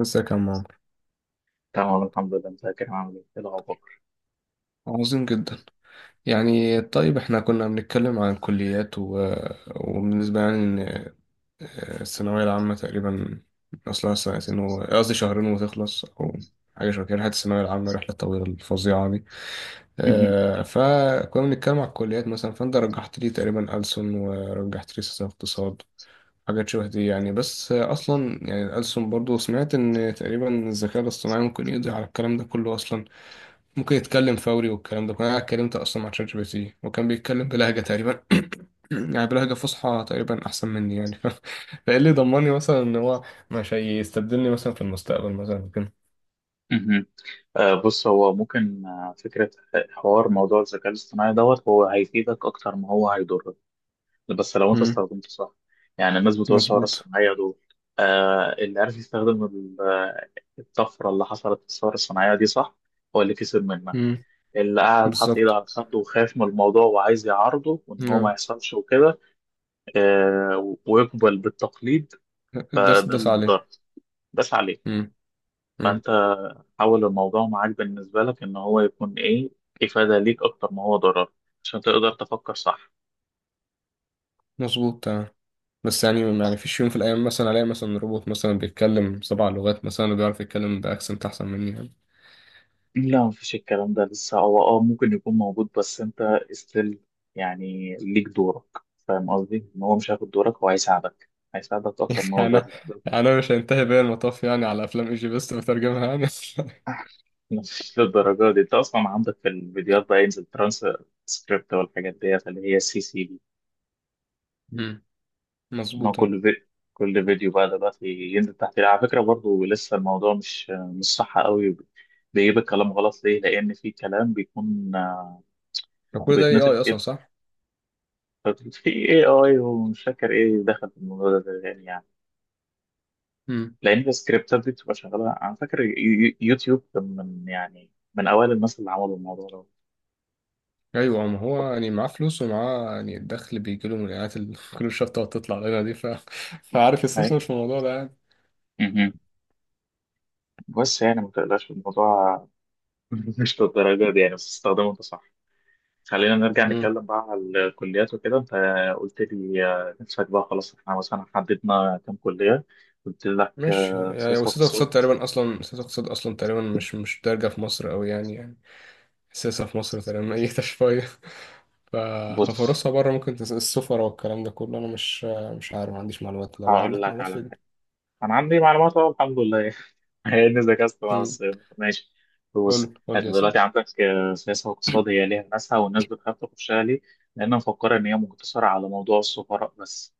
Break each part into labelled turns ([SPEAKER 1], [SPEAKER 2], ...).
[SPEAKER 1] ازيك يا عمار.
[SPEAKER 2] تمام الحمد لله، متذكر. هعمل ايه؟ إيه الاخبار؟
[SPEAKER 1] عظيم جدا. يعني طيب احنا كنا بنتكلم عن الكليات وبالنسبة يعني ان الثانوية العامة تقريبا اصلها سنتين، قصدي شهرين وتخلص او حاجة شبه كده. رحلة الثانوية العامة رحلة طويلة الفظيعة دي.
[SPEAKER 2] مهم.
[SPEAKER 1] فكنا بنتكلم على الكليات مثلا، فانت رجحت لي تقريبا ألسن ورجحت لي سياسة واقتصاد. حاجات شبه دي يعني. بس اصلا يعني ألسن برضو سمعت ان تقريبا الذكاء الاصطناعي ممكن يقضي على الكلام ده كله اصلا. ممكن يتكلم فوري والكلام ده كنت انا اتكلمت اصلا مع شات جي بي تي وكان بيتكلم بلهجه تقريبا يعني بلهجه فصحى تقريبا احسن مني يعني. فايه اللي ضمني مثلا ان هو مش هيستبدلني مثلا في المستقبل مثلا كده؟
[SPEAKER 2] مهم. آه بص، هو ممكن، آه، فكره حوار موضوع الذكاء الاصطناعي دوت، هو هيفيدك اكتر ما هو هيضرك، بس لو انت
[SPEAKER 1] امم.
[SPEAKER 2] استخدمته صح. يعني الناس بتوع الثوره
[SPEAKER 1] مظبوط.
[SPEAKER 2] الصناعيه دول، آه، اللي عارف يستخدم الطفره اللي حصلت في الثوره الصناعيه دي صح، هو اللي كسب منها.
[SPEAKER 1] امم.
[SPEAKER 2] اللي قاعد حاطط ايده
[SPEAKER 1] بالظبط.
[SPEAKER 2] على خده وخايف من الموضوع وعايز يعارضه وان هو ما
[SPEAKER 1] نعم.
[SPEAKER 2] يحصلش وكده، آه، ويقبل بالتقليد،
[SPEAKER 1] داس
[SPEAKER 2] فده
[SPEAKER 1] داس
[SPEAKER 2] اللي
[SPEAKER 1] عليه.
[SPEAKER 2] اتضرر بس عليه.
[SPEAKER 1] امم. امم.
[SPEAKER 2] فانت حول الموضوع معاك بالنسبة لك إن هو يكون إيه، إفادة ليك أكتر ما هو ضرر، عشان تقدر تفكر صح.
[SPEAKER 1] مظبوط تمام. بس يعني
[SPEAKER 2] صح،
[SPEAKER 1] يعني فيش يوم في الايام مثلا الاقي مثلا روبوت مثلا بيتكلم سبع لغات مثلا وبيعرف يتكلم باكسنت احسن مني يعني.
[SPEAKER 2] لا مفيش الكلام ده لسه، هو اه ممكن يكون موجود، بس أنت استيل يعني ليك دورك. فاهم قصدي؟ إن هو مش هياخد دورك، هو هيساعدك، هيساعدك أكتر ما هو
[SPEAKER 1] يعني انا
[SPEAKER 2] ضرر.
[SPEAKER 1] انا مش هينتهي بيا المطاف يعني على افلام ايجي بيست بترجمها يعني.
[SPEAKER 2] مش للدرجة دي، أنت أصلا عندك في الفيديوهات بقى ينزل ترانس سكريبت والحاجات ديت اللي هي سي سي.
[SPEAKER 1] مم.
[SPEAKER 2] ان هو
[SPEAKER 1] مظبوطة.
[SPEAKER 2] كل في... كل فيديو بقى دلوقتي ينزل تحت، على فكره برضو لسه الموضوع مش صح قوي، بيجيب الكلام غلط. ليه؟ لان في كلام بيكون، آه،
[SPEAKER 1] فكل ده كل ده اي
[SPEAKER 2] بيتنطق
[SPEAKER 1] اي اصلا
[SPEAKER 2] كده.
[SPEAKER 1] صح.
[SPEAKER 2] في اي اي، ومش فاكر ايه دخل في الموضوع ده، يعني،
[SPEAKER 1] مم.
[SPEAKER 2] لان السكريبتات دي بتبقى شغاله. انا فاكر يوتيوب كان من، يعني، من اوائل الناس اللي عملوا الموضوع ده.
[SPEAKER 1] ايوه ما هو يعني معاه فلوس ومعاه يعني الدخل بيجي له من الاعلانات اللي كل شويه بتقعد تطلع لنا دي فعارف
[SPEAKER 2] أي.
[SPEAKER 1] يستثمر في الموضوع ده يعني.
[SPEAKER 2] مهم. بس يعني ما تقلقش الموضوع. مش للدرجه دي يعني، بس استخدمه انت صح. خلينا نرجع
[SPEAKER 1] مم.
[SPEAKER 2] نتكلم بقى على الكليات وكده. انت قلت لي، آه، نفسك بقى، خلاص احنا مثلا حددنا كام كلية. قلت لك،
[SPEAKER 1] مش
[SPEAKER 2] آه،
[SPEAKER 1] يعني
[SPEAKER 2] سياسة
[SPEAKER 1] وسياسة
[SPEAKER 2] واقتصاد.
[SPEAKER 1] اقتصاد تقريبا اصلا. سياسة اقتصاد اصلا تقريبا مش دارجة في مصر قوي يعني يعني. السياسة في مصر تقريبا اي شوية. ف...
[SPEAKER 2] بص
[SPEAKER 1] ففرصها بره ممكن السفر والكلام ده كله انا مش عارف، ما عنديش معلومات. لو
[SPEAKER 2] هقول
[SPEAKER 1] عندك
[SPEAKER 2] لك
[SPEAKER 1] معلومات
[SPEAKER 2] على
[SPEAKER 1] في.
[SPEAKER 2] حاجة، انا عندي معلومات اهو الحمد لله يعني. هي اني ذاكرت أنا بس. ماشي. بص
[SPEAKER 1] قول قول لي
[SPEAKER 2] انت
[SPEAKER 1] يا
[SPEAKER 2] دلوقتي
[SPEAKER 1] سيدي.
[SPEAKER 2] عندك، آه، سياسة واقتصاد، هي ليها ناسها، والناس بتخاف تخشها ليه؟ لأن مفكرة إن هي مقتصرة على موضوع السفراء بس،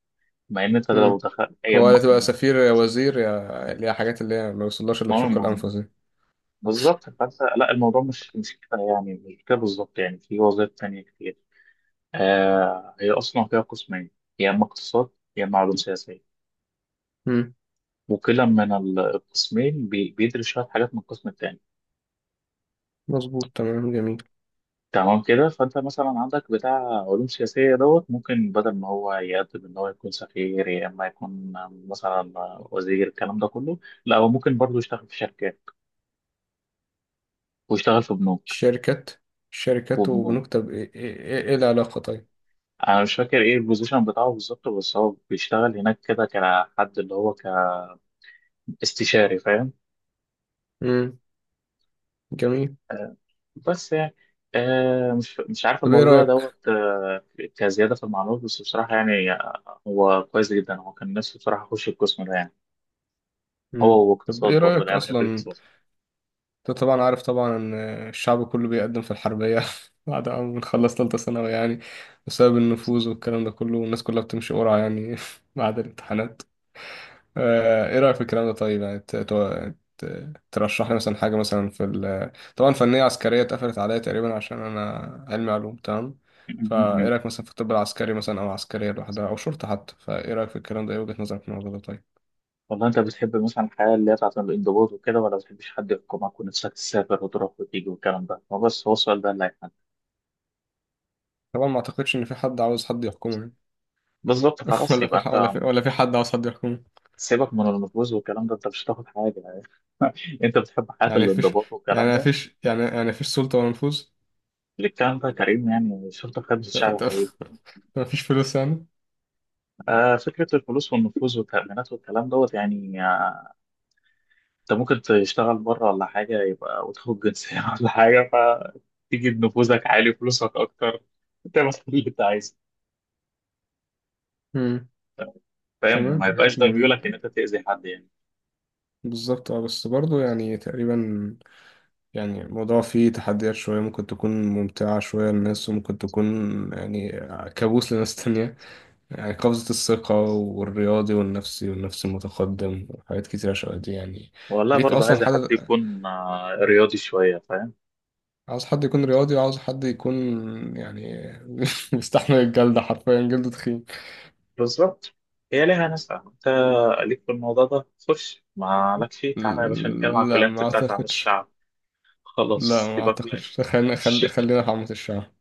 [SPEAKER 2] مع إن أنت لو
[SPEAKER 1] مم.
[SPEAKER 2] دخلت هي
[SPEAKER 1] هو يا تبقى سفير يا وزير يا اللي هي حاجات اللي هي ما بيوصلهاش إلا بشق
[SPEAKER 2] م-
[SPEAKER 1] الأنفس دي.
[SPEAKER 2] بالظبط. فانت لا، الموضوع مش كده يعني، مش كده بالظبط، يعني في وظائف تانية كتير. آه، هي اصلا فيها قسمين، يا اما اقتصاد يا اما علوم سياسيه،
[SPEAKER 1] مم.
[SPEAKER 2] وكلا من القسمين بيدرس شويه حاجات من القسم التاني.
[SPEAKER 1] مظبوط تمام. جميل.
[SPEAKER 2] تمام كده. فانت مثلا عندك بتاع علوم سياسيه دوت، ممكن بدل ما هو يقدم ان هو يكون سفير، يا اما يكون مثلا وزير، الكلام ده كله لا، هو ممكن برضه يشتغل في شركات ويشتغل في بنوك.
[SPEAKER 1] الشركات. الشركات
[SPEAKER 2] وبنوك،
[SPEAKER 1] وبنكتب إيه العلاقة طيب؟
[SPEAKER 2] انا مش فاكر ايه البوزيشن بتاعه بالظبط، بس هو بيشتغل هناك كده كحد اللي هو كاستشاري، فاهم.
[SPEAKER 1] مم. جميل.
[SPEAKER 2] آه، بس يعني، آه، مش عارف
[SPEAKER 1] طب إيه
[SPEAKER 2] الموضوع
[SPEAKER 1] رأيك؟
[SPEAKER 2] دوت، آه، كزيادة في المعلومات بس. بصراحة يعني، آه، هو كويس جدا، هو كان نفسه بصراحة يخش القسم ده يعني.
[SPEAKER 1] مم.
[SPEAKER 2] هو
[SPEAKER 1] طب
[SPEAKER 2] واقتصاد
[SPEAKER 1] إيه
[SPEAKER 2] برضه،
[SPEAKER 1] رأيك
[SPEAKER 2] لأن أنا بحب
[SPEAKER 1] أصلا؟
[SPEAKER 2] الاقتصاد.
[SPEAKER 1] أنت طبعا عارف طبعا إن الشعب كله بيقدم في الحربية بعد ما بنخلص تالتة ثانوي يعني، بسبب النفوذ والكلام ده كله والناس كلها بتمشي قرعة يعني بعد الامتحانات. ايه رأيك في الكلام ده طيب؟ يعني ترشح لي مثلا حاجة مثلا في ال طبعا فنية عسكرية اتقفلت عليا تقريبا عشان انا علمي علوم تمام. فايه رأيك مثلا في الطب العسكري مثلا او عسكرية لوحدها او شرطة حتى؟ فايه رأيك في الكلام ده؟ ايه وجهة نظرك في الموضوع ده طيب؟
[SPEAKER 2] والله أنت بتحب مثلا الحياة اللي هي بتاعت الانضباط وكده، ولا بتحبش حد يحكمك ونفسك تسافر وتروح وتيجي والكلام ده؟ هو بس هو السؤال ده اللي هيحل.
[SPEAKER 1] طبعا ما اعتقدش ان في حد عاوز حد يحكمه.
[SPEAKER 2] بالظبط، خلاص
[SPEAKER 1] ولا في
[SPEAKER 2] يبقى
[SPEAKER 1] ح-
[SPEAKER 2] أنت
[SPEAKER 1] ولا في ولا في حد عاوز حد يحكمه.
[SPEAKER 2] سيبك من المطبوز والكلام ده، انت مش هتاخد حاجه يعني. انت بتحب حياه
[SPEAKER 1] يعني مفيش،
[SPEAKER 2] الانضباط والكلام
[SPEAKER 1] يعني
[SPEAKER 2] ده؟
[SPEAKER 1] مفيش، يعني يعني مفيش سلطة ولا نفوذ.
[SPEAKER 2] ليه الكلام ده يا كريم؟ يعني شرطه خدمه الشعب يا حبيبي.
[SPEAKER 1] مفيش فلوس يعني.
[SPEAKER 2] آه، فكره الفلوس والنفوذ والتامينات والكلام دوت، يعني آه، انت ممكن تشتغل بره ولا حاجه يبقى، وتاخد جنسيه ولا حاجه، فتيجي نفوذك عالي فلوسك اكتر، تعمل كل اللي انت عايزه.
[SPEAKER 1] امم.
[SPEAKER 2] فاهم؟ ما
[SPEAKER 1] تمام.
[SPEAKER 2] يبقاش ده
[SPEAKER 1] جميل.
[SPEAKER 2] ميولك ان انت تاذي حد يعني.
[SPEAKER 1] بالظبط اه، بس برضه يعني تقريبا يعني الموضوع فيه تحديات شوية، ممكن تكون ممتعة شوية للناس وممكن تكون يعني كابوس لناس تانية. يعني قفزة الثقة والرياضي والنفسي والنفس المتقدم وحاجات كتيرة شوية دي يعني
[SPEAKER 2] والله
[SPEAKER 1] ليك
[SPEAKER 2] برضه
[SPEAKER 1] أصلا
[SPEAKER 2] عايز
[SPEAKER 1] حد.
[SPEAKER 2] حد يكون، آه، رياضي شويه، فاهم.
[SPEAKER 1] عاوز حد يكون رياضي وعاوز حد يكون يعني بيستحمل الجلد، حرفيا جلده تخين.
[SPEAKER 2] بالظبط. هي ليها ناس. انت ليك في الموضوع ده، خش ما لك فيه، تعالى يا باشا نتكلم على
[SPEAKER 1] لا
[SPEAKER 2] الكليات
[SPEAKER 1] ما
[SPEAKER 2] بتاعت عمل
[SPEAKER 1] أعتقدش.
[SPEAKER 2] الشعب. خلاص
[SPEAKER 1] لا ما
[SPEAKER 2] سيبك بقى.
[SPEAKER 1] أعتقدش، خلينا
[SPEAKER 2] ش-
[SPEAKER 1] خلينا في عامة الشعب.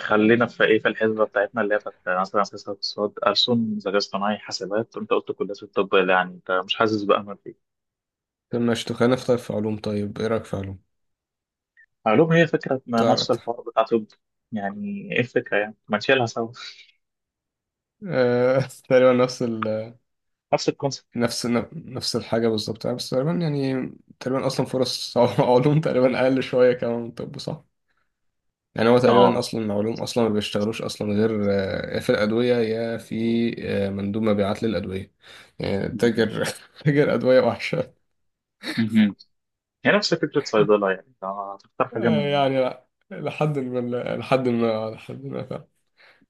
[SPEAKER 2] خلينا في ايه، في الحسبه بتاعتنا اللي هي بتاعت مثلا سياسه اقتصاد، ألسن، ذكاء اصطناعي، حاسبات. انت قلت كليات الطب اللي يعني انت مش حاسس بأمل فيه.
[SPEAKER 1] طب ماشي، طب خلينا في، طيب في علوم، طيب إيه رأيك في علوم؟
[SPEAKER 2] علوم هي فكره، ما نفس
[SPEAKER 1] تعرف
[SPEAKER 2] الحوار بتاع طب. يعني ايه الفكره يعني؟ ما نشيلها سوا،
[SPEAKER 1] آه، تقريبا نفس ال
[SPEAKER 2] نفس الكونسيبت.
[SPEAKER 1] نفس نفس الحاجة بالظبط، بس تقريبا يعني تقريبا أصلا فرص علوم تقريبا أقل شوية كمان من طب صح؟ يعني هو تقريبا
[SPEAKER 2] اه.
[SPEAKER 1] أصلا علوم أصلا ما بيشتغلوش أصلا غير يا في الأدوية يا في مندوب مبيعات للأدوية، يعني
[SPEAKER 2] مهم.
[SPEAKER 1] تاجر تاجر أدوية وحشة.
[SPEAKER 2] مهم. هي نفس فكره صيدله، يعني أنت هتختار حاجه من،
[SPEAKER 1] يعني لا، لحد ما فعلا.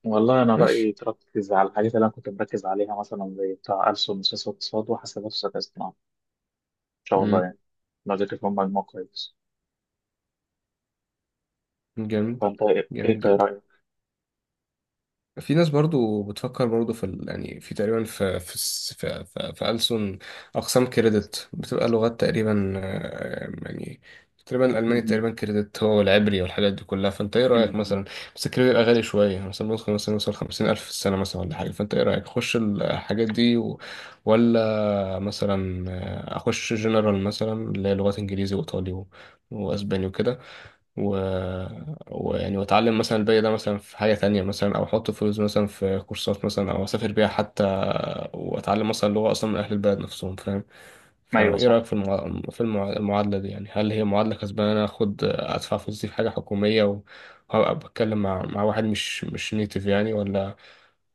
[SPEAKER 2] والله أنا رأيي
[SPEAKER 1] ماشي.
[SPEAKER 2] تركز على الحاجات اللي أنا كنت مركز عليها، مثلا زي بتاع ألسن وسياسة واقتصاد وحاسبات وذكاء اصطناعي، إن شاء الله
[SPEAKER 1] مم.
[SPEAKER 2] يعني، لو ذاكرت فيهم مجموع كويس.
[SPEAKER 1] جميل.
[SPEAKER 2] فأنت إيه
[SPEAKER 1] جميل
[SPEAKER 2] ده
[SPEAKER 1] جدا.
[SPEAKER 2] رأيك؟
[SPEAKER 1] في ناس برضو بتفكر برضو يعني في تقريبا في في في ألسن أقسام كريدت بتبقى لغات تقريبا يعني تقريبا الألماني
[SPEAKER 2] مهم.
[SPEAKER 1] تقريبا كريدت هو العبري والحاجات دي كلها. فأنت إيه رأيك
[SPEAKER 2] مهم.
[SPEAKER 1] مثلا؟ بس الكريدت بيبقى غالي شوية، مثلا ممكن مثلا يوصل 50,000 في السنة مثلا ولا حاجة. فأنت إيه رأيك؟ أخش الحاجات دي ولا مثلا أخش جنرال مثلا اللي هي لغات إنجليزي وإيطالي وأسباني وكده و... ويعني واتعلم مثلا الباقي ده مثلا في حاجة تانية، مثلا او احط فلوس مثلا في كورسات مثلا او اسافر بيها حتى واتعلم مثلا لغة اصلا من اهل البلد نفسهم، فاهم؟
[SPEAKER 2] أيوه
[SPEAKER 1] فايه
[SPEAKER 2] صح.
[SPEAKER 1] رأيك في المعادلة دي؟ يعني هل هي معادلة كسبانة إن انا اخد ادفع فلوسي في حاجة حكومية وهبقى بتكلم مع واحد مش نيتيف يعني، ولا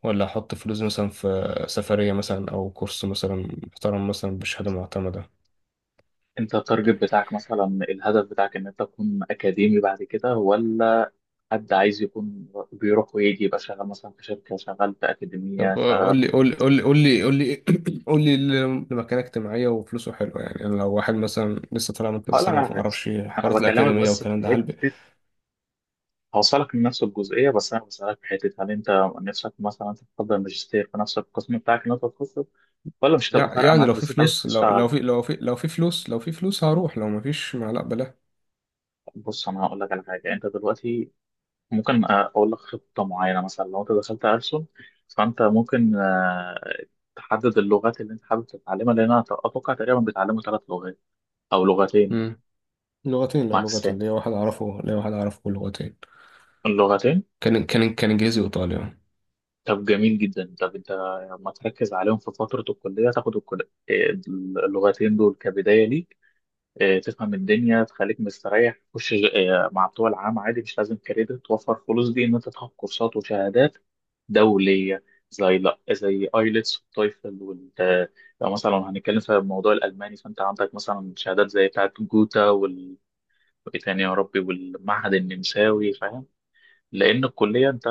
[SPEAKER 1] احط فلوس مثلا في سفرية مثلا او كورس مثلا محترم مثلا بشهادة معتمدة؟
[SPEAKER 2] أنت التارجت بتاعك مثلا، الهدف بتاعك، إن أنت تكون أكاديمي بعد كده، ولا حد عايز يكون بيروح ويجي، يبقى شغال مثلا في شركة، شغال في أكاديمية،
[SPEAKER 1] طب
[SPEAKER 2] شغال.
[SPEAKER 1] قول لي قول لي قول لي قول لي قول لي قول لي اللي مكانه اجتماعية وفلوسه حلوة يعني. أنا لو واحد مثلا لسه طالع من كذا
[SPEAKER 2] هقول لك
[SPEAKER 1] سنة
[SPEAKER 2] على
[SPEAKER 1] وما
[SPEAKER 2] حاجة.
[SPEAKER 1] أعرفش
[SPEAKER 2] أنا
[SPEAKER 1] حوارات
[SPEAKER 2] بكلمك
[SPEAKER 1] الأكاديمية
[SPEAKER 2] بس في
[SPEAKER 1] والكلام ده، هل
[SPEAKER 2] حتة، هوصلك لنفس الجزئية، بس أنا بسألك في حتة، هل أنت نفسك مثلا تفضل ماجستير في نفس القسم بتاعك اللي أنت تخصصه، ولا مش هتبقى فارقة
[SPEAKER 1] يعني
[SPEAKER 2] معاك بس أنت عايز تشتغل؟
[SPEAKER 1] لو في فلوس، هروح، لو ما فيش ما لا بلا.
[SPEAKER 2] بص أنا هقول لك على حاجة. أنت دلوقتي ممكن، آه، أقول لك خطة معينة. مثلا لو أنت دخلت ألسن، فأنت ممكن، آه، تحدد اللغات اللي أنت حابب تتعلمها، لأن أنا أتوقع تقريبا بيتعلموا ثلاث لغات أو لغتين
[SPEAKER 1] مم. لغتين. لا، لغتين.
[SPEAKER 2] ماكسين.
[SPEAKER 1] ليا واحد أعرفه، ليا واحد أعرفه. لغتين.
[SPEAKER 2] اللغتين،
[SPEAKER 1] كان إنجليزي وإيطالي آه.
[SPEAKER 2] طب جميل جدا. طب أنت لما تركز عليهم في فترة الكلية، تاخد اللغتين دول كبداية ليك، آه، تفهم الدنيا، تخليك مستريح. خش، آه، مع بتوع العام عادي، مش لازم كريدت. توفر فلوس دي ان انت تاخد كورسات وشهادات دوليه، زي، لا، زي ايلتس والتويفل وال، آه، لو مثلا هنتكلم في موضوع الالماني، فانت عندك مثلا شهادات زي بتاعه جوتا وال إيه تاني يا ربي، والمعهد النمساوي، فاهم. لان الكليه انت،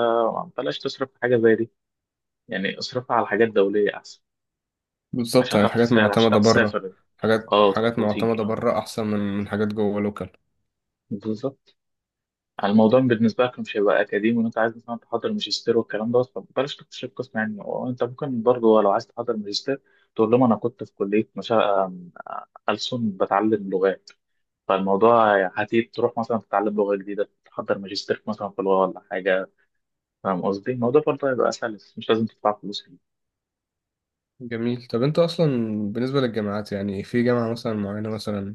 [SPEAKER 2] بلاش تصرف في حاجه زي دي يعني، اصرفها على حاجات دوليه احسن،
[SPEAKER 1] بالظبط،
[SPEAKER 2] عشان
[SPEAKER 1] يعني
[SPEAKER 2] تعرف
[SPEAKER 1] حاجات
[SPEAKER 2] تسافر، عشان
[SPEAKER 1] معتمدة
[SPEAKER 2] تعرف
[SPEAKER 1] بره.
[SPEAKER 2] تسافر، اه،
[SPEAKER 1] حاجات
[SPEAKER 2] وتروح وتيجي.
[SPEAKER 1] معتمدة
[SPEAKER 2] اه،
[SPEAKER 1] بره أحسن من حاجات جوه لوكال.
[SPEAKER 2] بالظبط. على الموضوع بالنسبة لك مش هيبقى أكاديمي، وأنت عايز مثلا تحضر ماجستير والكلام ده، فبلاش تكتشف قسم يعني. وأنت ممكن برضه لو عايز تحضر ماجستير، تقول لهم أنا كنت في كلية مشا... آم، ألسن، بتعلم لغات. فالموضوع هتيجي تروح مثلا تتعلم لغة جديدة، تحضر ماجستير مثلا في لغة ولا حاجة. فاهم قصدي؟ الموضوع برضه هيبقى سلس، مش لازم تدفع فلوس فيه.
[SPEAKER 1] جميل. طب انت اصلا بالنسبه للجامعات يعني، في جامعه مثلا معينه مثلا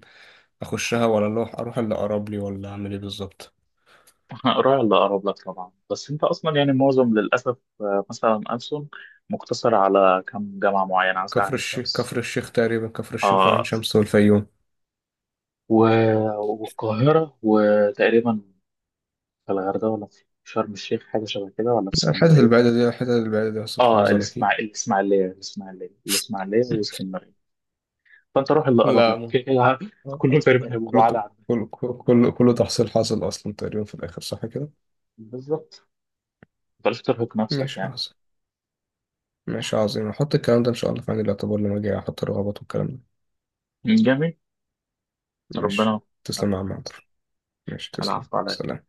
[SPEAKER 1] اخشها، ولا اللي اروح اللي اقرب لي، ولا اعمل ايه بالظبط؟
[SPEAKER 2] قراية اللي أقرب لك طبعا. بس أنت أصلا يعني، معظم للأسف، آه، مثلا ألسن مقتصر على كم جامعة معينة، مثلا عين شمس،
[SPEAKER 1] كفر الشيخ وعين
[SPEAKER 2] آه،
[SPEAKER 1] شمس والفيوم.
[SPEAKER 2] و- والقاهرة، وتقريبا في الغردقة ولا في شرم الشيخ، حاجة شبه كده، ولا في اسكندرية.
[SPEAKER 1] الحتت البعيدة دي هصرف
[SPEAKER 2] اه،
[SPEAKER 1] نظر اكيد.
[SPEAKER 2] الإسماعيلية الإسماعيلية واسكندرية. فأنت روح اللي أقرب
[SPEAKER 1] لا
[SPEAKER 2] لك،
[SPEAKER 1] م-
[SPEAKER 2] كده كده كلهم تقريبا هيبقوا بعاد
[SPEAKER 1] كله
[SPEAKER 2] عنك.
[SPEAKER 1] كله كله تحصيل حاصل اصلا تقريبا في الاخر صح كده.
[SPEAKER 2] بالظبط، ما تقدرش ترهق نفسك
[SPEAKER 1] ماشي
[SPEAKER 2] يعني.
[SPEAKER 1] عظيم. ماشي عظيم، هحط الكلام ده ان شاء الله في عين الاعتبار لما اجي احط الرغبات والكلام ده.
[SPEAKER 2] جميل.
[SPEAKER 1] ماشي.
[SPEAKER 2] ربنا.
[SPEAKER 1] تسلم يا عم عمرو. ماشي تسلم
[SPEAKER 2] العفو عليك.
[SPEAKER 1] سلام.